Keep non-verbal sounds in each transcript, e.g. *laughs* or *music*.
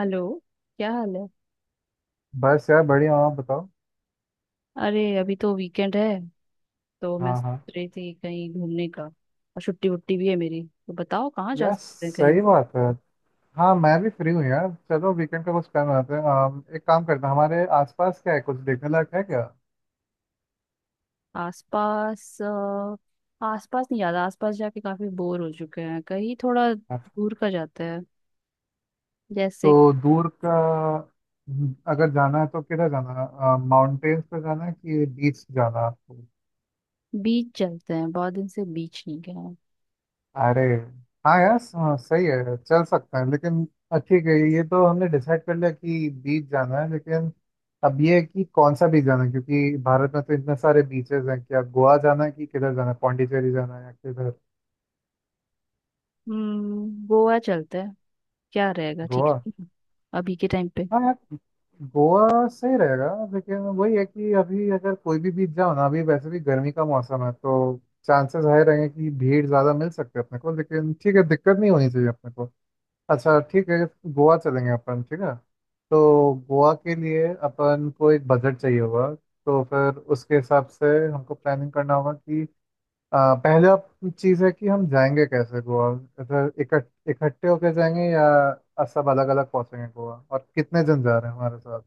Hello. क्या हाल है? बस यार बढ़िया हूँ, आप बताओ। अरे अभी तो वीकेंड है, तो मैं हाँ हाँ। सोच रही थी कहीं घूमने का, और छुट्टी वुट्टी भी है मेरी। तो बताओ कहाँ जा यार सकते हैं कहीं? सही बात है। हाँ मैं भी फ्री हूँ यार, चलो वीकेंड का कुछ प्लान बनाते हैं। एक काम करते हैं, हमारे आसपास क्या है, कुछ देखने लायक है क्या? आसपास आसपास नहीं, याद आसपास जाके काफी बोर हो चुके हैं। कहीं थोड़ा हाँ। दूर का जाते हैं, जैसे तो दूर का। अगर जाना है तो किधर जाना है, माउंटेन्स पे जाना है कि बीच जाना है? बीच चलते हैं। बहुत दिन से बीच नहीं गए हैं। अरे हाँ यार हाँ, सही है, चल सकते हैं लेकिन। ठीक है, ये तो हमने डिसाइड कर लिया कि बीच जाना है, लेकिन अब ये है कि कौन सा बीच जाना है, क्योंकि भारत में तो इतने सारे बीचेस हैं। क्या गोवा जाना है कि किधर जाना है, पौंडीचेरी जाना है या किधर? गोवा चलते हैं, क्या रहेगा? ठीक गोवा। रहेगा अभी के टाइम पे। हाँ यार, गोवा सही रहेगा। लेकिन वही है कि अभी अगर कोई भी बीच जाओ ना, अभी वैसे भी गर्मी का मौसम है तो चांसेस हाई रहेंगे कि भीड़ ज़्यादा मिल सकते हैं अपने को, लेकिन ठीक है, दिक्कत नहीं होनी चाहिए अपने को। अच्छा ठीक है, गोवा चलेंगे अपन, ठीक है। तो गोवा के लिए अपन को एक बजट चाहिए होगा, तो फिर उसके हिसाब से हमको प्लानिंग करना होगा कि अ, पहला चीज़ है कि हम जाएंगे कैसे गोवा, इधर इकट्ठे होके जाएंगे या सब अलग अलग पहुंचेंगे गोवा, और कितने जन जा रहे हैं हमारे साथ।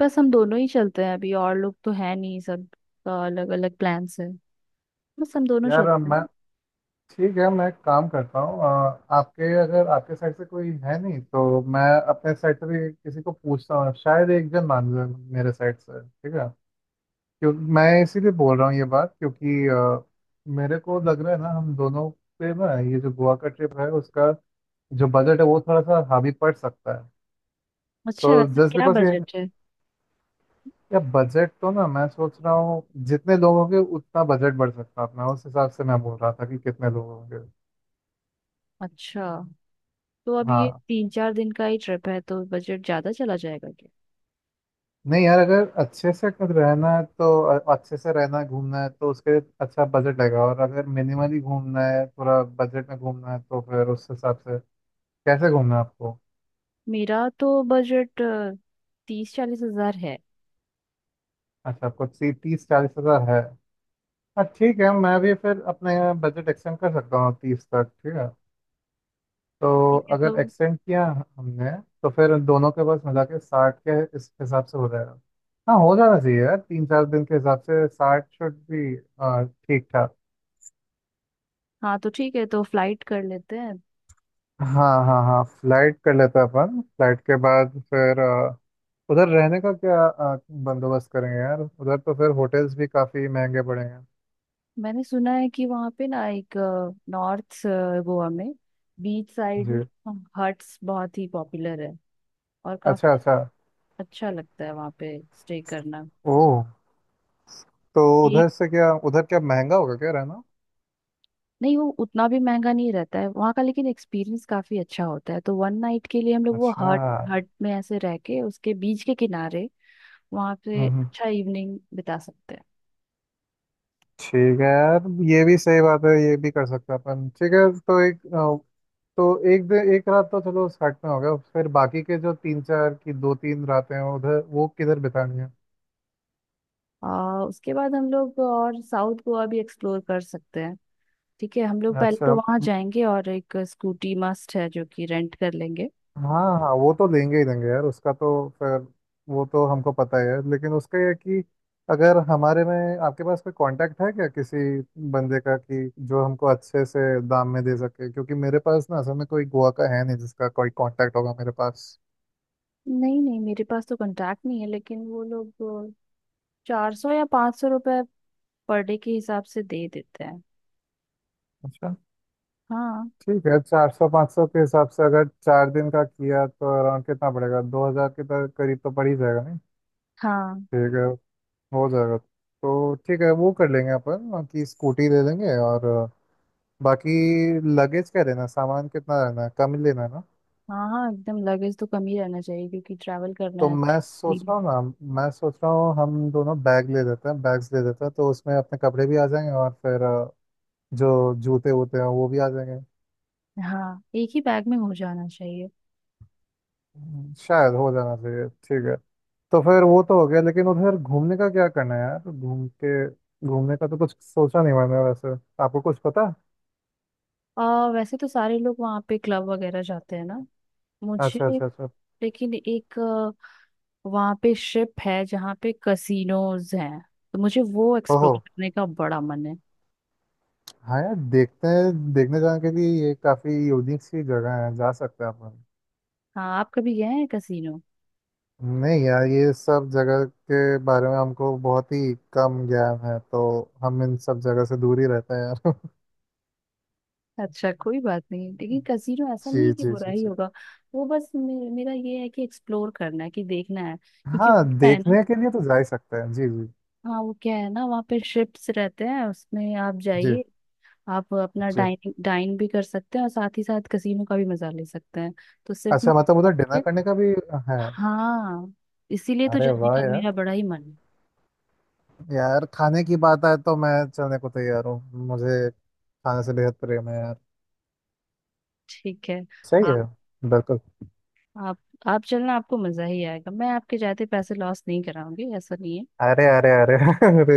बस हम दोनों ही चलते हैं अभी, और लोग तो है नहीं, सब अलग अलग प्लान्स है। बस हम दोनों यार चलते हैं। मैं ठीक है, मैं एक काम करता हूँ, आपके अगर आपके साइड से कोई है नहीं तो मैं अपने साइड से भी किसी को पूछता हूँ, शायद एक जन मान ले मेरे साइड से, ठीक है। क्यों मैं इसीलिए बोल रहा हूँ ये बात क्योंकि मेरे को लग रहा है ना हम दोनों पे ना ये जो गोवा का ट्रिप है उसका जो बजट है वो थोड़ा सा हावी पड़ सकता है। अच्छा तो वैसे जस्ट क्या बिकॉज ये, बजट है? या बजट तो ना मैं सोच रहा हूँ जितने लोग होंगे उतना बजट बढ़ सकता है अपना, उस हिसाब से मैं बोल रहा था कि कितने लोग होंगे। अच्छा, तो अब ये हाँ। तीन चार दिन का ही ट्रिप है, तो बजट ज्यादा चला जाएगा क्या? नहीं यार, अगर अच्छे से अगर रहना है तो अच्छे से रहना है घूमना है तो उसके लिए अच्छा बजट लगेगा, और अगर मिनिमली घूमना है, थोड़ा बजट में घूमना है तो फिर उस हिसाब से, कैसे घूमना है आपको? मेरा तो बजट 30-40 हजार है। अच्छा, आपको 30-40 हज़ार है। हाँ ठीक है, मैं भी फिर अपने बजट एक्सटेंड कर सकता हूँ 30 तक, ठीक है। तो ठीक है तो। अगर एक्सटेंड किया हमने तो फिर दोनों के पास मिला के 60 के इस हिसाब से हो जाएगा। हाँ हो जाना चाहिए यार, 3-4 दिन के हिसाब से 60 शुड भी ठीक ठाक। हाँ तो ठीक है, तो फ्लाइट कर लेते हैं। हाँ हाँ हाँ फ्लाइट कर लेते हैं अपन। फ्लाइट के बाद फिर उधर रहने का क्या बंदोबस्त करेंगे यार, उधर तो फिर होटल्स भी काफ़ी महंगे पड़ेंगे। मैंने सुना है कि वहाँ पे ना एक नॉर्थ गोवा में बीच साइड जी। हट्स बहुत ही पॉपुलर है, और अच्छा काफी अच्छा। अच्छा लगता है वहाँ पे स्टे करना। ओह। तो उधर से क्या, उधर क्या महंगा होगा क्या रहना? नहीं, वो उतना भी महंगा नहीं रहता है वहाँ का, लेकिन एक्सपीरियंस काफी अच्छा होता है। तो 1 नाइट के लिए हम लोग वो अच्छा। हट हट में ऐसे रह के उसके बीच के किनारे वहाँ पे हम्म हम्म, अच्छा इवनिंग बिता सकते हैं। ठीक है यार, ये भी सही बात है, ये भी कर सकते हैं अपन, ठीक है। तो एक तो एक दिन एक रात तो चलो साथ में हो गया, फिर बाकी के जो 3-4 की 2-3 रातें हैं उधर वो किधर बितानी है? और उसके बाद हम लोग और साउथ गोवा भी एक्सप्लोर कर सकते हैं। ठीक है, हम लोग पहले अच्छा। तो वहाँ जाएंगे, और एक स्कूटी मस्ट है जो कि रेंट कर लेंगे। हाँ हाँ, वो तो देंगे ही देंगे यार उसका तो, फिर वो तो हमको पता ही है। लेकिन उसका ये है कि अगर हमारे में आपके पास कोई कांटेक्ट है क्या किसी बंदे का कि जो हमको अच्छे से दाम में दे सके, क्योंकि मेरे पास ना असल में कोई गोवा का है नहीं जिसका कोई कांटेक्ट होगा मेरे पास। नहीं नहीं, मेरे पास तो कांटेक्ट नहीं है, लेकिन वो लोग 400 या 500 रुपये पर डे के हिसाब से दे देते हैं। अच्छा। हाँ, ठीक है, 400-500 के हिसाब से अगर 4 दिन का किया तो अराउंड कितना पड़ेगा, 2,000 के करीब तो पड़ ही जाएगा नहीं? हाँ, ठीक है, हो जाएगा। तो ठीक है वो कर लेंगे अपन कि स्कूटी ले लेंगे, और बाकी लगेज का, रहना सामान कितना रहना है, कम ही लेना है ना। हाँ। हाँ, एकदम लगेज तो कम ही रहना चाहिए, क्योंकि ट्रैवल करना तो है मैं अच्छा सोच फ्रीली। रहा हूँ ना, मैं सोच रहा हूँ हम दोनों बैग ले लेते हैं, बैग्स ले लेते हैं, तो उसमें अपने कपड़े भी आ जाएंगे और फिर जो जूते वूते हैं वो भी आ जाएंगे। हाँ, एक ही बैग में हो जाना चाहिए। शायद हो जाना चाहिए, ठीक है। तो फिर वो तो हो गया, लेकिन उधर घूमने का क्या करना है यार? घूम के, घूमने का तो कुछ सोचा नहीं मैंने वैसे, आपको कुछ पता है? वैसे तो सारे लोग वहाँ पे क्लब वगैरह जाते हैं ना, मुझे अच्छा अच्छा अच्छा। लेकिन एक वहाँ पे शिप है जहाँ पे कसिनोज हैं, तो मुझे वो ओहो। एक्सप्लोर करने का बड़ा मन है। हाँ यार देखते हैं, देखने जाने के लिए ये काफ़ी यूनिक सी जगह है, जा सकते हैं अपन। हाँ, आप कभी गए हैं कसिनो? नहीं यार, ये सब जगह के बारे में हमको बहुत ही कम ज्ञान है, तो हम इन सब जगह से दूर ही रहते हैं यार। अच्छा, कोई बात नहीं, लेकिन *laughs* कसीनो ऐसा जी नहीं है कि जी बुरा जी ही जी। होगा। वो बस मेरा ये है कि एक्सप्लोर करना है कि देखना है, क्योंकि हाँ वो क्या है ना। देखने के लिए तो जा ही सकते हैं, जी जी। हाँ वो क्या है ना, वहाँ पे शिप्स रहते हैं उसमें आप जी। जाइए। आप अपना जी डाइन डाइन भी कर सकते हैं और साथ ही साथ कसीनो का भी मजा ले सकते हैं। तो सिर्फ में अच्छा, मतलब उधर डिनर आपके- करने का भी है? हाँ, इसीलिए तो अरे जाने वाह का यार, मेरा बड़ा ही मन है। यार खाने की बात आए तो मैं चलने को तैयार हूँ, मुझे खाने से बेहद प्रेम है यार। ठीक है। सही आप है। बिल्कुल। आप आप चलना, आपको मजा ही आएगा। मैं आपके जाते पैसे लॉस नहीं कराऊंगी, ऐसा नहीं है। अरे अरे अरे *laughs* अरे,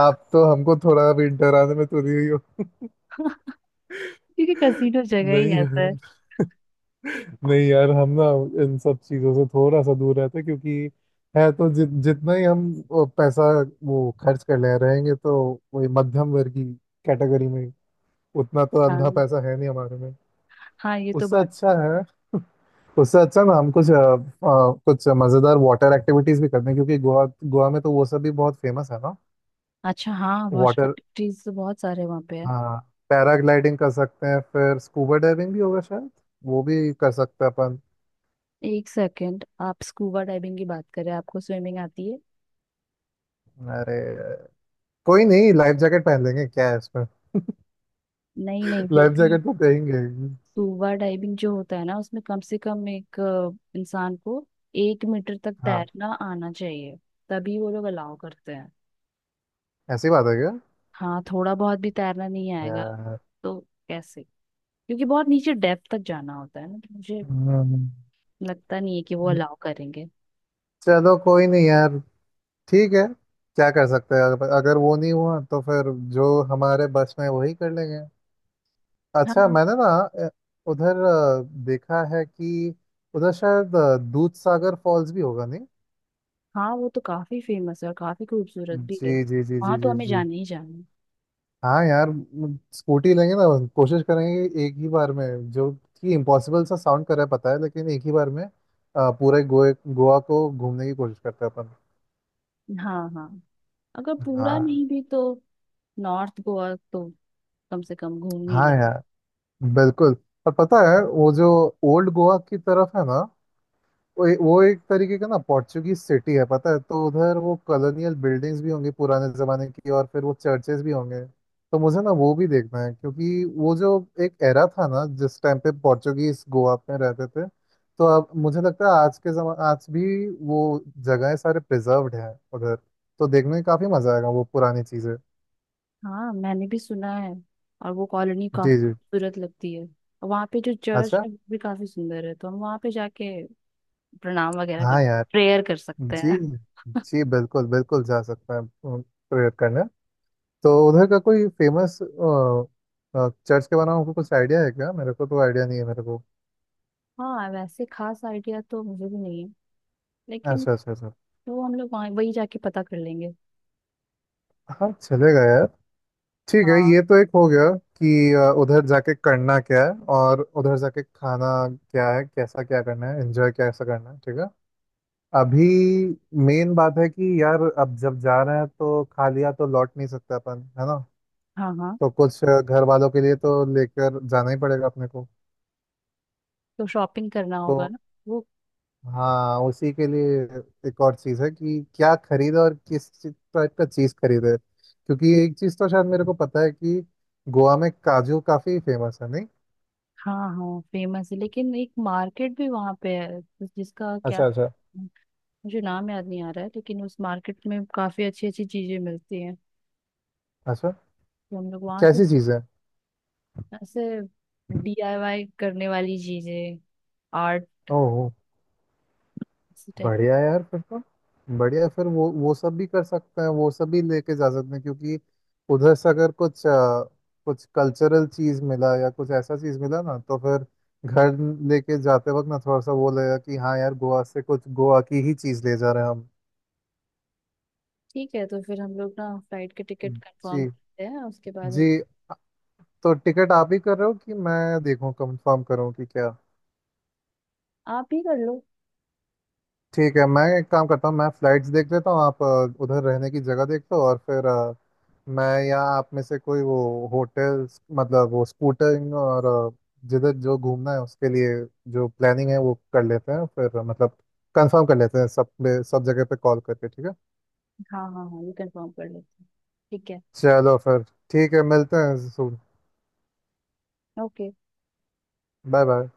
आप तो हमको थोड़ा भी डराने में तुली हुई हो। *laughs* *laughs* क्योंकि कसीनो जगह ही नहीं ऐसा है। यार, नहीं यार हम ना इन सब चीजों से थोड़ा सा दूर रहते हैं, क्योंकि है तो जितना ही हम वो पैसा वो खर्च कर ले रहेंगे तो वही मध्यम वर्ग की कैटेगरी में। उतना तो अंधा हाँ पैसा है नहीं हमारे में। हाँ, ये तो उससे बात। अच्छा है, उससे अच्छा ना हम कुछ कुछ मजेदार वाटर एक्टिविटीज भी करते हैं, क्योंकि गोवा गोवा में तो वो सब भी बहुत फेमस है ना। अच्छा, हाँ, वाटर वाटर, एक्टिविटीज तो बहुत सारे वहाँ पे है। हाँ, पैराग्लाइडिंग कर सकते हैं, फिर स्कूबा डाइविंग भी होगा शायद, वो भी कर सकते हैं अपन। एक सेकेंड, आप स्कूबा डाइविंग की बात करें, आपको स्विमिंग आती है? अरे कोई नहीं, लाइफ जैकेट पहन लेंगे, क्या है इसमें? *laughs* नहीं नहीं, जब लाइफ भी जैकेट तो देंगे ही। स्कूबा डाइविंग जो होता है ना, उसमें कम से कम एक इंसान को 1 मीटर तक हाँ। तैरना आना चाहिए, तभी वो लोग अलाउ करते हैं। ऐसी बात है क्या? हाँ, थोड़ा बहुत भी तैरना नहीं आएगा यार। तो कैसे? क्योंकि बहुत नीचे डेप्थ तक जाना होता है ना, तो मुझे हम्म, लगता नहीं है कि वो अलाउ करेंगे। चलो कोई नहीं यार, ठीक है, क्या कर सकते हैं, अगर अगर वो नहीं हुआ तो फिर जो हमारे बस में वही कर लेंगे। अच्छा, हाँ मैंने ना अ, उधर देखा है कि उधर शायद दूध सागर फॉल्स भी होगा नहीं? हाँ, वो तो काफी फेमस है और काफी खूबसूरत भी है, जी जी जी जी वहां तो जी हमें जी। जाना ही जाना है। हाँ यार, स्कूटी लेंगे ना, कोशिश करेंगे कि एक ही बार में जो कि इम्पॉसिबल सा साउंड कर रहा है पता है, लेकिन एक ही बार में पूरे गोए गोवा को घूमने की कोशिश करते हैं अपन। हाँ हाँ, अगर पूरा हाँ नहीं भी तो नॉर्थ गोवा तो कम से कम घूम ही हाँ ले यार, बिल्कुल। और पता है वो जो ओल्ड गोवा की तरफ है ना, वो एक तरीके का ना पोर्चुगीज सिटी है पता है, तो उधर वो कॉलोनियल बिल्डिंग्स भी होंगी पुराने जमाने की, और फिर वो चर्चेस भी होंगे, तो मुझे ना वो भी देखना है, क्योंकि वो जो एक एरा था ना जिस टाइम पे पोर्चुगीज गोवा में रहते थे, तो अब मुझे लगता है आज के जमा आज भी वो जगहें सारे प्रिजर्व्ड हैं उधर, तो देखने में काफी मजा आएगा वो पुरानी चीजें। हाँ, मैंने भी सुना है, और वो कॉलोनी जी काफी जी। खूबसूरत लगती है, और वहाँ पे जो चर्च अच्छा। है वो भी काफी सुंदर है। तो हम वहाँ पे जाके प्रणाम वगैरह कर हाँ यार। प्रेयर कर सकते जी हैं। जी बिल्कुल बिल्कुल जा सकते हैं प्रेयर करने। तो उधर का कोई फेमस चर्च के बारे में आपको कुछ आइडिया है क्या? मेरे को तो आइडिया नहीं है मेरे को। हाँ, वैसे खास आइडिया तो मुझे भी नहीं है, लेकिन अच्छा अच्छा अच्छा। वो हम लोग वहाँ वही जाके पता कर लेंगे। हाँ चलेगा यार, ठीक है, हाँ ये तो एक हो गया कि उधर जाके करना क्या है, और उधर जाके खाना क्या है कैसा, क्या करना है एंजॉय कैसा करना है, ठीक है। अभी मेन बात है कि यार अब जब जा रहे हैं तो खा लिया तो लौट नहीं सकता अपन है ना, हाँ हाँ, तो कुछ घर वालों के लिए तो लेकर जाना ही पड़ेगा अपने को। तो शॉपिंग करना होगा तो ना, वो। हाँ, उसी के लिए एक और चीज है कि क्या खरीदे और किस टाइप का चीज खरीदे, क्योंकि एक चीज तो शायद मेरे को पता है कि गोवा में काजू काफी फेमस है नहीं? हाँ हाँ फेमस है, लेकिन एक मार्केट भी वहाँ पे है जिसका क्या, अच्छा अच्छा मुझे नाम याद नहीं आ रहा है, लेकिन उस मार्केट में काफी अच्छी अच्छी चीजें मिलती हैं। अच्छा। तो हम लोग वहां से कैसी चीज है? ऐसे DIY करने वाली चीजें, आर्ट, ओह। इसी टाइप। बढ़िया यार, फिर तो बढ़िया, फिर वो सब भी कर सकते हैं, वो सब भी लेके जा सकते हैं, क्योंकि उधर से अगर कुछ कुछ कल्चरल चीज मिला या कुछ ऐसा चीज मिला ना तो फिर घर लेके जाते वक्त ना थोड़ा सा वो लगेगा कि हाँ यार गोवा से कुछ गोवा की ही चीज ले जा रहे हैं हम। ठीक है, तो फिर हम लोग ना फ्लाइट के टिकट कंफर्म जी करते हैं उसके बाद। जी। तो टिकट आप ही कर रहे हो कि मैं देखूं, कंफर्म करूं कि क्या? आप ही कर लो। ठीक है, मैं एक काम करता हूँ, मैं फ्लाइट्स देख लेता हूँ, आप उधर रहने की जगह देख लो, और फिर मैं या आप में से कोई वो होटल, मतलब वो स्कूटरिंग और अ, जिधर जो घूमना है उसके लिए जो प्लानिंग है वो कर लेते हैं, फिर मतलब कंफर्म कर लेते हैं सब पे, सब जगह पे कॉल करके, ठीक है। हाँ हाँ हाँ, ये कंफर्म कर लेते हैं। ठीक है। चलो फिर, ठीक है, मिलते हैं, सुन। ओके। Bye bye.